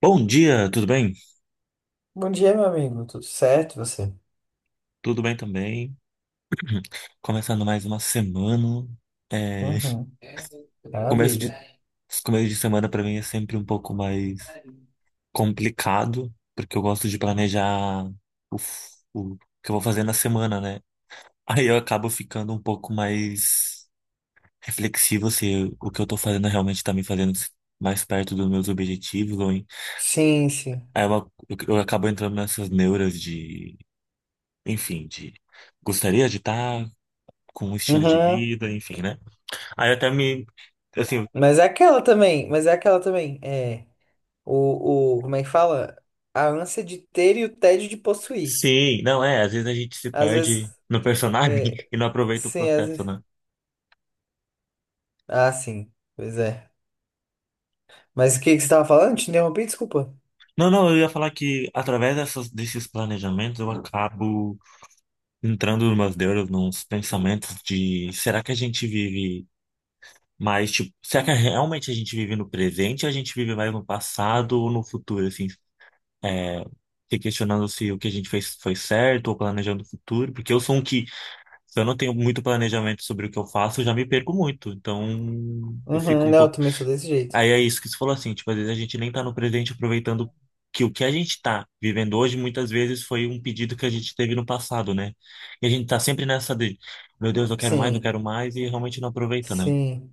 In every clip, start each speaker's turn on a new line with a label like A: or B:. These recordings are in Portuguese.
A: Bom dia, tudo bem?
B: Bom dia, meu amigo. Tudo certo, você?
A: Tudo bem também. Começando mais uma semana. É,
B: Uhum.
A: começo
B: Maravilha.
A: de, começo de semana para mim é sempre um pouco mais complicado, porque eu gosto de planejar o que eu vou fazer na semana, né? Aí eu acabo ficando um pouco mais reflexivo se o que eu tô fazendo realmente tá me fazendo mais perto dos meus objetivos.
B: Sim, sim.
A: Aí eu acabo entrando nessas neuras de, enfim, de gostaria de estar com um estilo de
B: Uhum.
A: vida, enfim, né? Aí eu até me. Assim,
B: Mas é aquela também. É, como é que fala? A ânsia de ter e o tédio de possuir.
A: sim, não é. Às vezes a gente se
B: Às vezes,
A: perde no personagem
B: é,
A: e não aproveita o
B: sim, às
A: processo,
B: vezes.
A: né?
B: Ah, sim, pois é. Mas o que que você tava falando? Te interrompi, desculpa.
A: Não, não, eu ia falar que através desses planejamentos eu acabo entrando nos deuses, nos pensamentos de será que a gente vive mais, tipo, será que realmente a gente vive no presente ou a gente vive mais no passado ou no futuro, assim, é, se questionando se o que a gente fez foi certo ou planejando o futuro, porque eu sou um que se eu não tenho muito planejamento sobre o que eu faço, eu já me perco muito. Então, eu fico
B: Uhum,
A: um
B: não, eu
A: pouco.
B: também sou desse jeito.
A: Aí é isso que você falou assim, tipo, às vezes a gente nem tá no presente aproveitando que o que a gente tá vivendo hoje muitas vezes foi um pedido que a gente teve no passado, né? E a gente tá sempre nessa de, meu Deus, eu
B: Sim,
A: quero mais, e realmente não aproveita, né?
B: sim.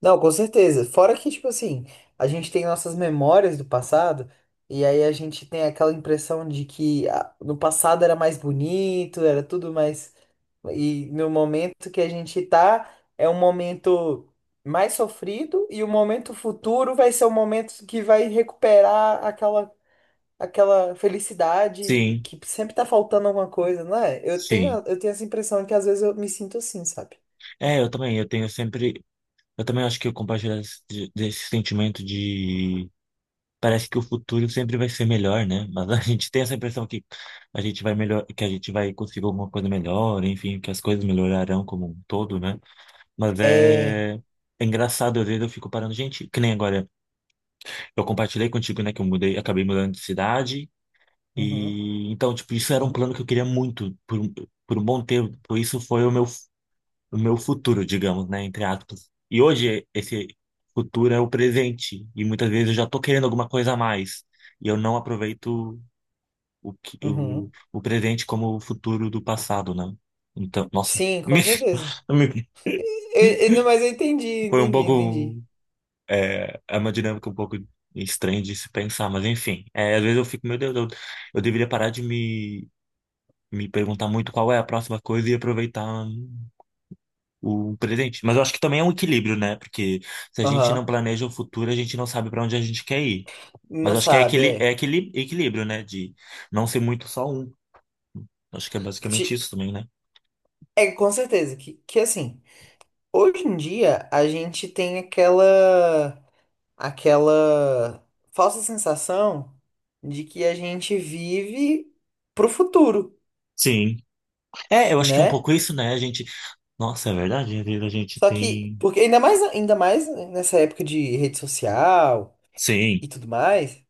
B: Não, com certeza. Fora que, tipo assim, a gente tem nossas memórias do passado, e aí a gente tem aquela impressão de que ah, no passado era mais bonito, era tudo mais. E no momento que a gente tá, é um momento mais sofrido, e o momento futuro vai ser o momento que vai recuperar aquela, aquela felicidade
A: Sim,
B: que sempre tá faltando alguma coisa, não é? Eu tenho,
A: sim.
B: eu tenho essa impressão que às vezes eu me sinto assim, sabe?
A: É, eu também, eu tenho sempre. Eu também acho que eu compartilho desse sentimento de parece que o futuro sempre vai ser melhor, né? Mas a gente tem essa impressão que a gente vai melhor, que a gente vai conseguir alguma coisa melhor, enfim, que as coisas melhorarão como um todo, né? Mas
B: É.
A: é engraçado, às vezes eu fico parando, gente, que nem agora, eu compartilhei contigo, né, que eu mudei, acabei mudando de cidade,
B: Uhum,
A: e então, tipo, isso era um
B: sim.
A: plano que eu queria muito por um bom tempo, por isso foi o meu futuro, digamos, né, entre aspas. E hoje esse futuro é o presente e muitas vezes eu já tô querendo alguma coisa a mais e eu não aproveito o que- o,
B: Uhum.
A: o presente como o futuro do passado, né? Então, nossa,
B: Sim,
A: me,
B: com certeza.
A: me-
B: E- não, mas eu entendi,
A: foi um
B: entendi,
A: pouco
B: entendi.
A: é, é uma dinâmica um pouco estranha de se pensar, mas enfim, é, às vezes eu fico, meu Deus, eu deveria parar de me perguntar muito qual é a próxima coisa e aproveitar o presente. Mas eu acho que também é um equilíbrio, né? Porque se a gente não
B: Aham.
A: planeja o futuro, a gente não sabe para onde a gente quer ir. Mas
B: Não
A: eu acho que é
B: sabe,
A: aquele é
B: é.
A: aquele equilíbrio, né? De não ser muito só um. Acho que é
B: Ti-
A: basicamente isso também, né?
B: É, com certeza. Que assim, hoje em dia a gente tem aquela, aquela falsa sensação de que a gente vive pro futuro,
A: Sim. É, eu acho que é um
B: né?
A: pouco isso, né? A gente. Nossa, é verdade, a vida a gente
B: Só que,
A: tem.
B: porque ainda mais nessa época de rede social
A: Sim,
B: e tudo mais.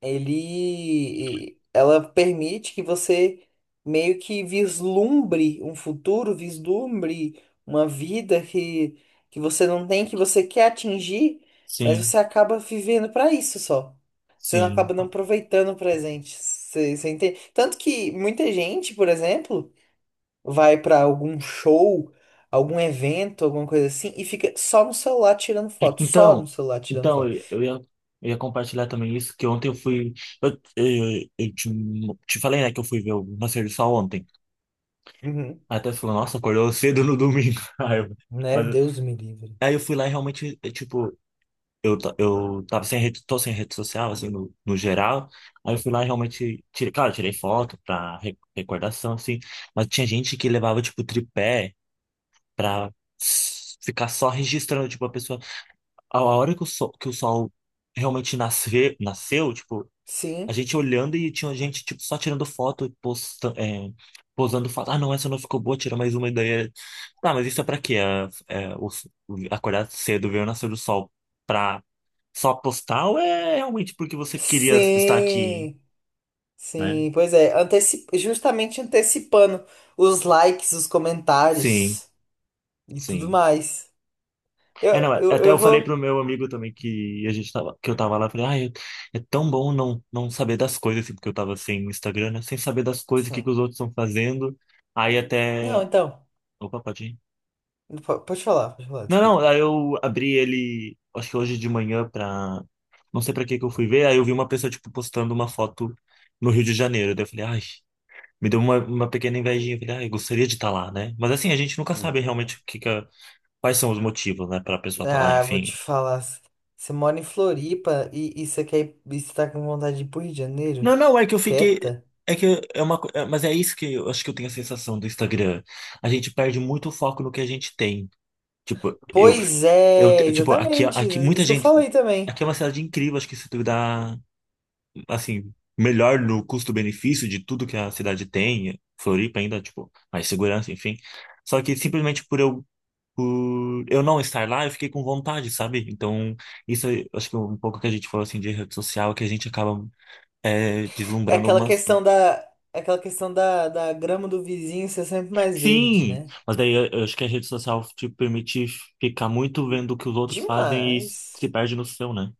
B: Ele ela permite que você meio que vislumbre um futuro, vislumbre uma vida que você não tem, que você quer atingir, mas
A: sim,
B: você acaba vivendo para isso só. Você não
A: sim.
B: acaba não aproveitando o presente. Você entende? Tanto que muita gente, por exemplo, vai para algum show, algum evento, alguma coisa assim, e fica só no celular tirando foto, só no
A: Então,
B: celular tirando
A: então
B: foto.
A: eu, eu ia, eu ia compartilhar também isso, que ontem eu fui. Eu te falei, né, que eu fui ver o Nascer do Sol ontem.
B: Uhum.
A: Até falou, nossa, acordou cedo no domingo. Aí eu,
B: Né?
A: mas
B: Deus me livre.
A: aí eu fui lá e realmente, tipo, eu tava sem rede, tô sem rede social, assim, no geral. Aí eu fui lá e realmente, tirei, claro, tirei foto pra recordação, assim, mas tinha gente que levava, tipo, tripé pra ficar só registrando, tipo, a pessoa. A hora que o sol realmente nasceu, tipo. A
B: Sim.
A: gente olhando e tinha gente, tipo, só tirando foto, posando foto. Ah, não, essa não ficou boa, tira mais uma ideia. Tá, mas isso é pra quê? Acordar cedo, ver o nascer do sol pra só postar ou é realmente porque você queria estar aqui,
B: Sim,
A: né?
B: sim, pois é, justamente antecipando os likes, os
A: Sim,
B: comentários e tudo
A: sim.
B: mais. Eu,
A: É, não, é,
B: eu,
A: até
B: eu
A: eu falei pro
B: vou.
A: meu amigo também que a gente tava, que eu tava lá, eu falei, ai, é tão bom não, não saber das coisas, assim, porque eu tava sem Instagram, né? Sem saber das coisas, o que que
B: Sim.
A: os outros estão fazendo. Aí
B: Não,
A: até.
B: então.
A: Opa, pode ir.
B: Pode falar,
A: Não, não,
B: desculpa.
A: aí eu abri ele, acho que hoje de manhã pra. Não sei pra que que eu fui ver, aí eu vi uma pessoa, tipo, postando uma foto no Rio de Janeiro. Daí eu falei, ai, me deu uma pequena invejinha. Eu falei, ai, gostaria de estar lá, né? Mas assim, a gente nunca sabe realmente o que que a- quais são os motivos, né, pra pessoa estar lá,
B: Ah, vou
A: enfim.
B: te falar. Você mora em Floripa e você quer ir, e você tá com vontade de ir pro Rio de Janeiro?
A: Não, não, é que eu fiquei.
B: Quieta?
A: É que é uma. Mas é isso que eu acho que eu tenho a sensação do Instagram. A gente perde muito o foco no que a gente tem. Tipo,
B: Pois
A: eu,
B: é,
A: te- tipo, aqui,
B: exatamente.
A: aqui
B: Isso
A: muita
B: isso que eu
A: gente.
B: falei também.
A: Aqui é uma cidade incrível, acho que se tu dá assim, melhor no custo-benefício de tudo que a cidade tem, Floripa ainda, tipo, mais segurança, enfim. Só que simplesmente por eu não estar lá, eu fiquei com vontade, sabe? Então, isso é, acho que é um pouco que a gente falou assim de rede social, que a gente acaba
B: É
A: deslumbrando
B: aquela
A: algumas. Coisas.
B: questão da. Aquela questão da, da grama do vizinho ser sempre mais verde,
A: Sim!
B: né?
A: Mas daí eu acho que a rede social te permite ficar muito vendo o que os outros fazem e se
B: Demais.
A: perde no seu, né?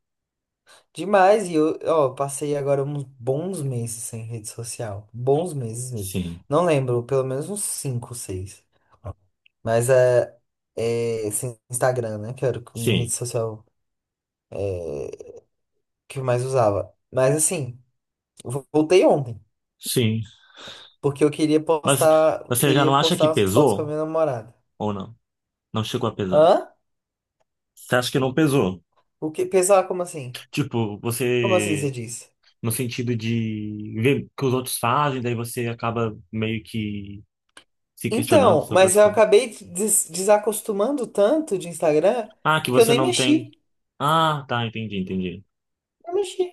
B: Demais. E eu, ó, passei agora uns bons meses sem rede social. Bons meses mesmo.
A: Sim,
B: Não lembro, pelo menos uns 5, 6. Mas é, é sem Instagram, né? Que era o que- minha rede
A: sim,
B: social que eu mais usava. Mas assim, eu voltei ontem.
A: sim.
B: Porque eu queria
A: Mas
B: postar, eu
A: você já
B: queria
A: não acha
B: postar
A: que
B: umas fotos com a
A: pesou
B: minha namorada.
A: ou não? Não chegou a pesar?
B: Hã?
A: Você acha que não pesou?
B: O que, pessoal, como assim?
A: Tipo,
B: Como assim você
A: você,
B: disse?
A: no sentido de ver o que os outros fazem, daí você acaba meio que se questionando
B: Então,
A: sobre
B: mas
A: as
B: eu
A: coisas.
B: acabei desacostumando tanto de Instagram
A: Ah, que
B: que eu
A: você
B: nem
A: não
B: mexi.
A: tem. Ah, tá, entendi, entendi.
B: Não mexi.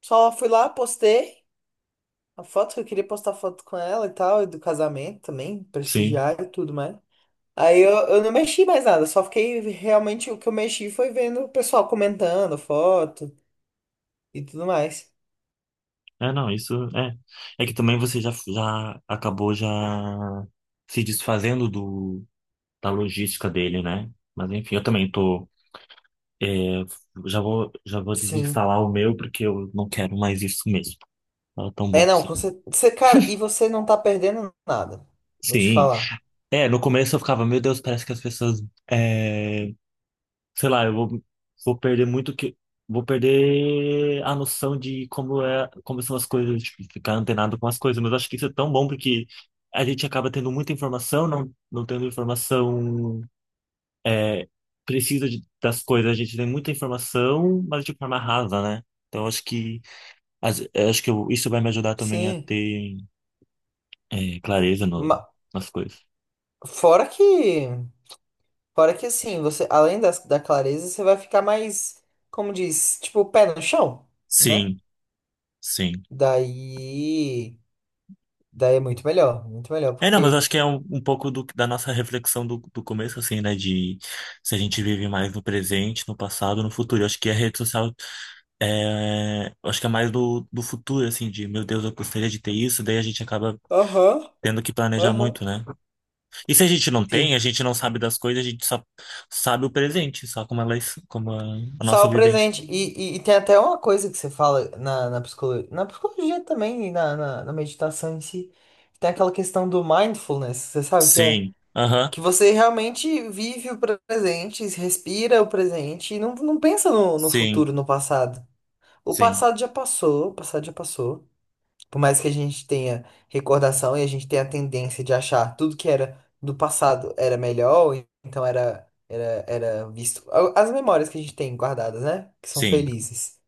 B: Só fui lá, postei a foto que eu queria postar foto com ela e tal, e do casamento também,
A: Sim.
B: prestigiar e tudo mais. Aí eu não mexi mais nada, só fiquei realmente o que eu mexi foi vendo o pessoal comentando foto e tudo mais.
A: É, não, isso é. É que também você já acabou já se desfazendo do, da logística dele, né? Mas enfim, eu também tô. é, já vou
B: Sim.
A: desinstalar o meu porque eu não quero mais isso mesmo. Tava tão
B: É,
A: bom
B: não,
A: assim.
B: você, cara, e você não tá perdendo nada. Vou te
A: Sim.
B: falar.
A: É, no começo eu ficava, meu Deus, parece que as pessoas, é, sei lá, eu vou perder muito vou perder a noção de como são as coisas, tipo, ficar antenado com as coisas. Mas eu acho que isso é tão bom porque a gente acaba tendo muita informação, não, não tendo informação, é, precisa das coisas. A gente tem muita informação, mas de forma rasa, né? Então eu acho que, isso vai me ajudar também a
B: Sim.
A: ter, clareza
B: Ma-
A: nas coisas.
B: fora que, fora que assim, você além das, da clareza, você vai ficar mais, como diz, tipo, pé no chão, né?
A: Sim, sim.
B: Daí. Daí é muito melhor,
A: É, não, mas
B: porque.
A: acho que é um pouco da nossa reflexão do começo, assim, né? De se a gente vive mais no presente, no passado, no futuro. Eu acho que a rede social eu acho que é mais do futuro, assim, de meu Deus, eu gostaria de ter isso, daí a gente acaba
B: Aham,
A: tendo que planejar
B: aham.
A: muito, né? E se a gente não tem, a
B: Sim.
A: gente não sabe das coisas, a gente só sabe o presente, só como elas, como a
B: Só
A: nossa
B: o
A: vivência.
B: presente. E tem até uma coisa que você fala na, na psicologia também, e na meditação em si. Tem aquela questão do mindfulness, você sabe o que é?
A: Sim, aham,
B: Que você realmente vive o presente, respira o presente e não, não pensa no, no
A: sim,
B: futuro, no passado. O
A: sim,
B: passado já passou, o passado já passou. Por mais que a gente tenha recordação e a gente tenha a tendência de achar tudo que era do passado era melhor, então era visto. As memórias que a gente tem guardadas, né? Que são
A: sim.
B: felizes.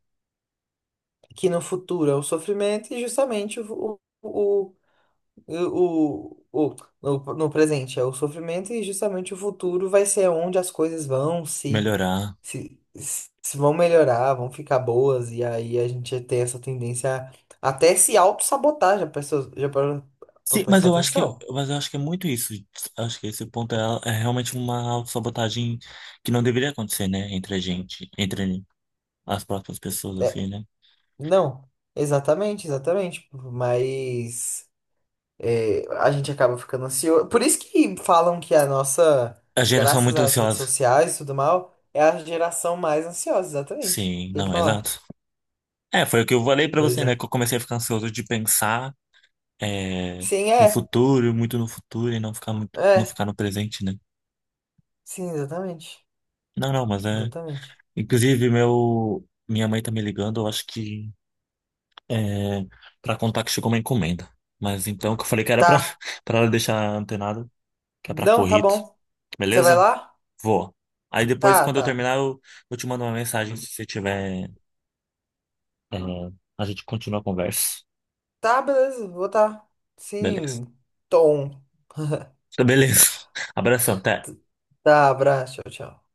B: Que no futuro é o sofrimento e justamente o, o, o- no, no presente é o sofrimento e justamente o futuro vai ser onde as coisas vão
A: Melhorar.
B: se, se vão melhorar, vão ficar boas, e aí a gente tem essa tendência a até se auto-sabotar, já pensou, já parou pra
A: Sim,
B: prestar atenção?
A: mas eu acho que é muito isso. Acho que esse ponto é, realmente uma autossabotagem que não deveria acontecer, né? Entre a gente, entre as próprias pessoas,
B: É,
A: assim, né?
B: não, exatamente, exatamente, mas é, a gente acaba ficando ansioso, por isso que falam que a nossa,
A: A geração
B: graças
A: muito
B: às redes
A: ansiosa.
B: sociais e tudo mal, é a geração mais ansiosa, exatamente, o
A: Sim,
B: que eu ia
A: não,
B: falar,
A: exato. É, foi o que eu falei pra
B: pois
A: você, né?
B: é,
A: Que eu comecei a ficar ansioso de pensar é,
B: sim,
A: no
B: é,
A: futuro, muito no futuro, e não ficar muito, não
B: é,
A: ficar no presente, né?
B: sim, exatamente,
A: Não, não, mas é.
B: exatamente,
A: Inclusive, minha mãe tá me ligando, eu acho que é, para contar que chegou uma encomenda. Mas então, que eu falei que era pra,
B: tá,
A: pra ela deixar antenado, que é pra
B: não, tá
A: corrida.
B: bom, você vai
A: Beleza?
B: lá?
A: Vou. Aí depois,
B: Tá,
A: quando eu
B: tá.
A: terminar, eu te mando uma mensagem se você tiver. é, a gente continua a conversa.
B: Tá, beleza. Vou tá.
A: Beleza.
B: Sim. Tom.
A: Beleza. Abração, até.
B: Tá, abraço. Tchau, tchau.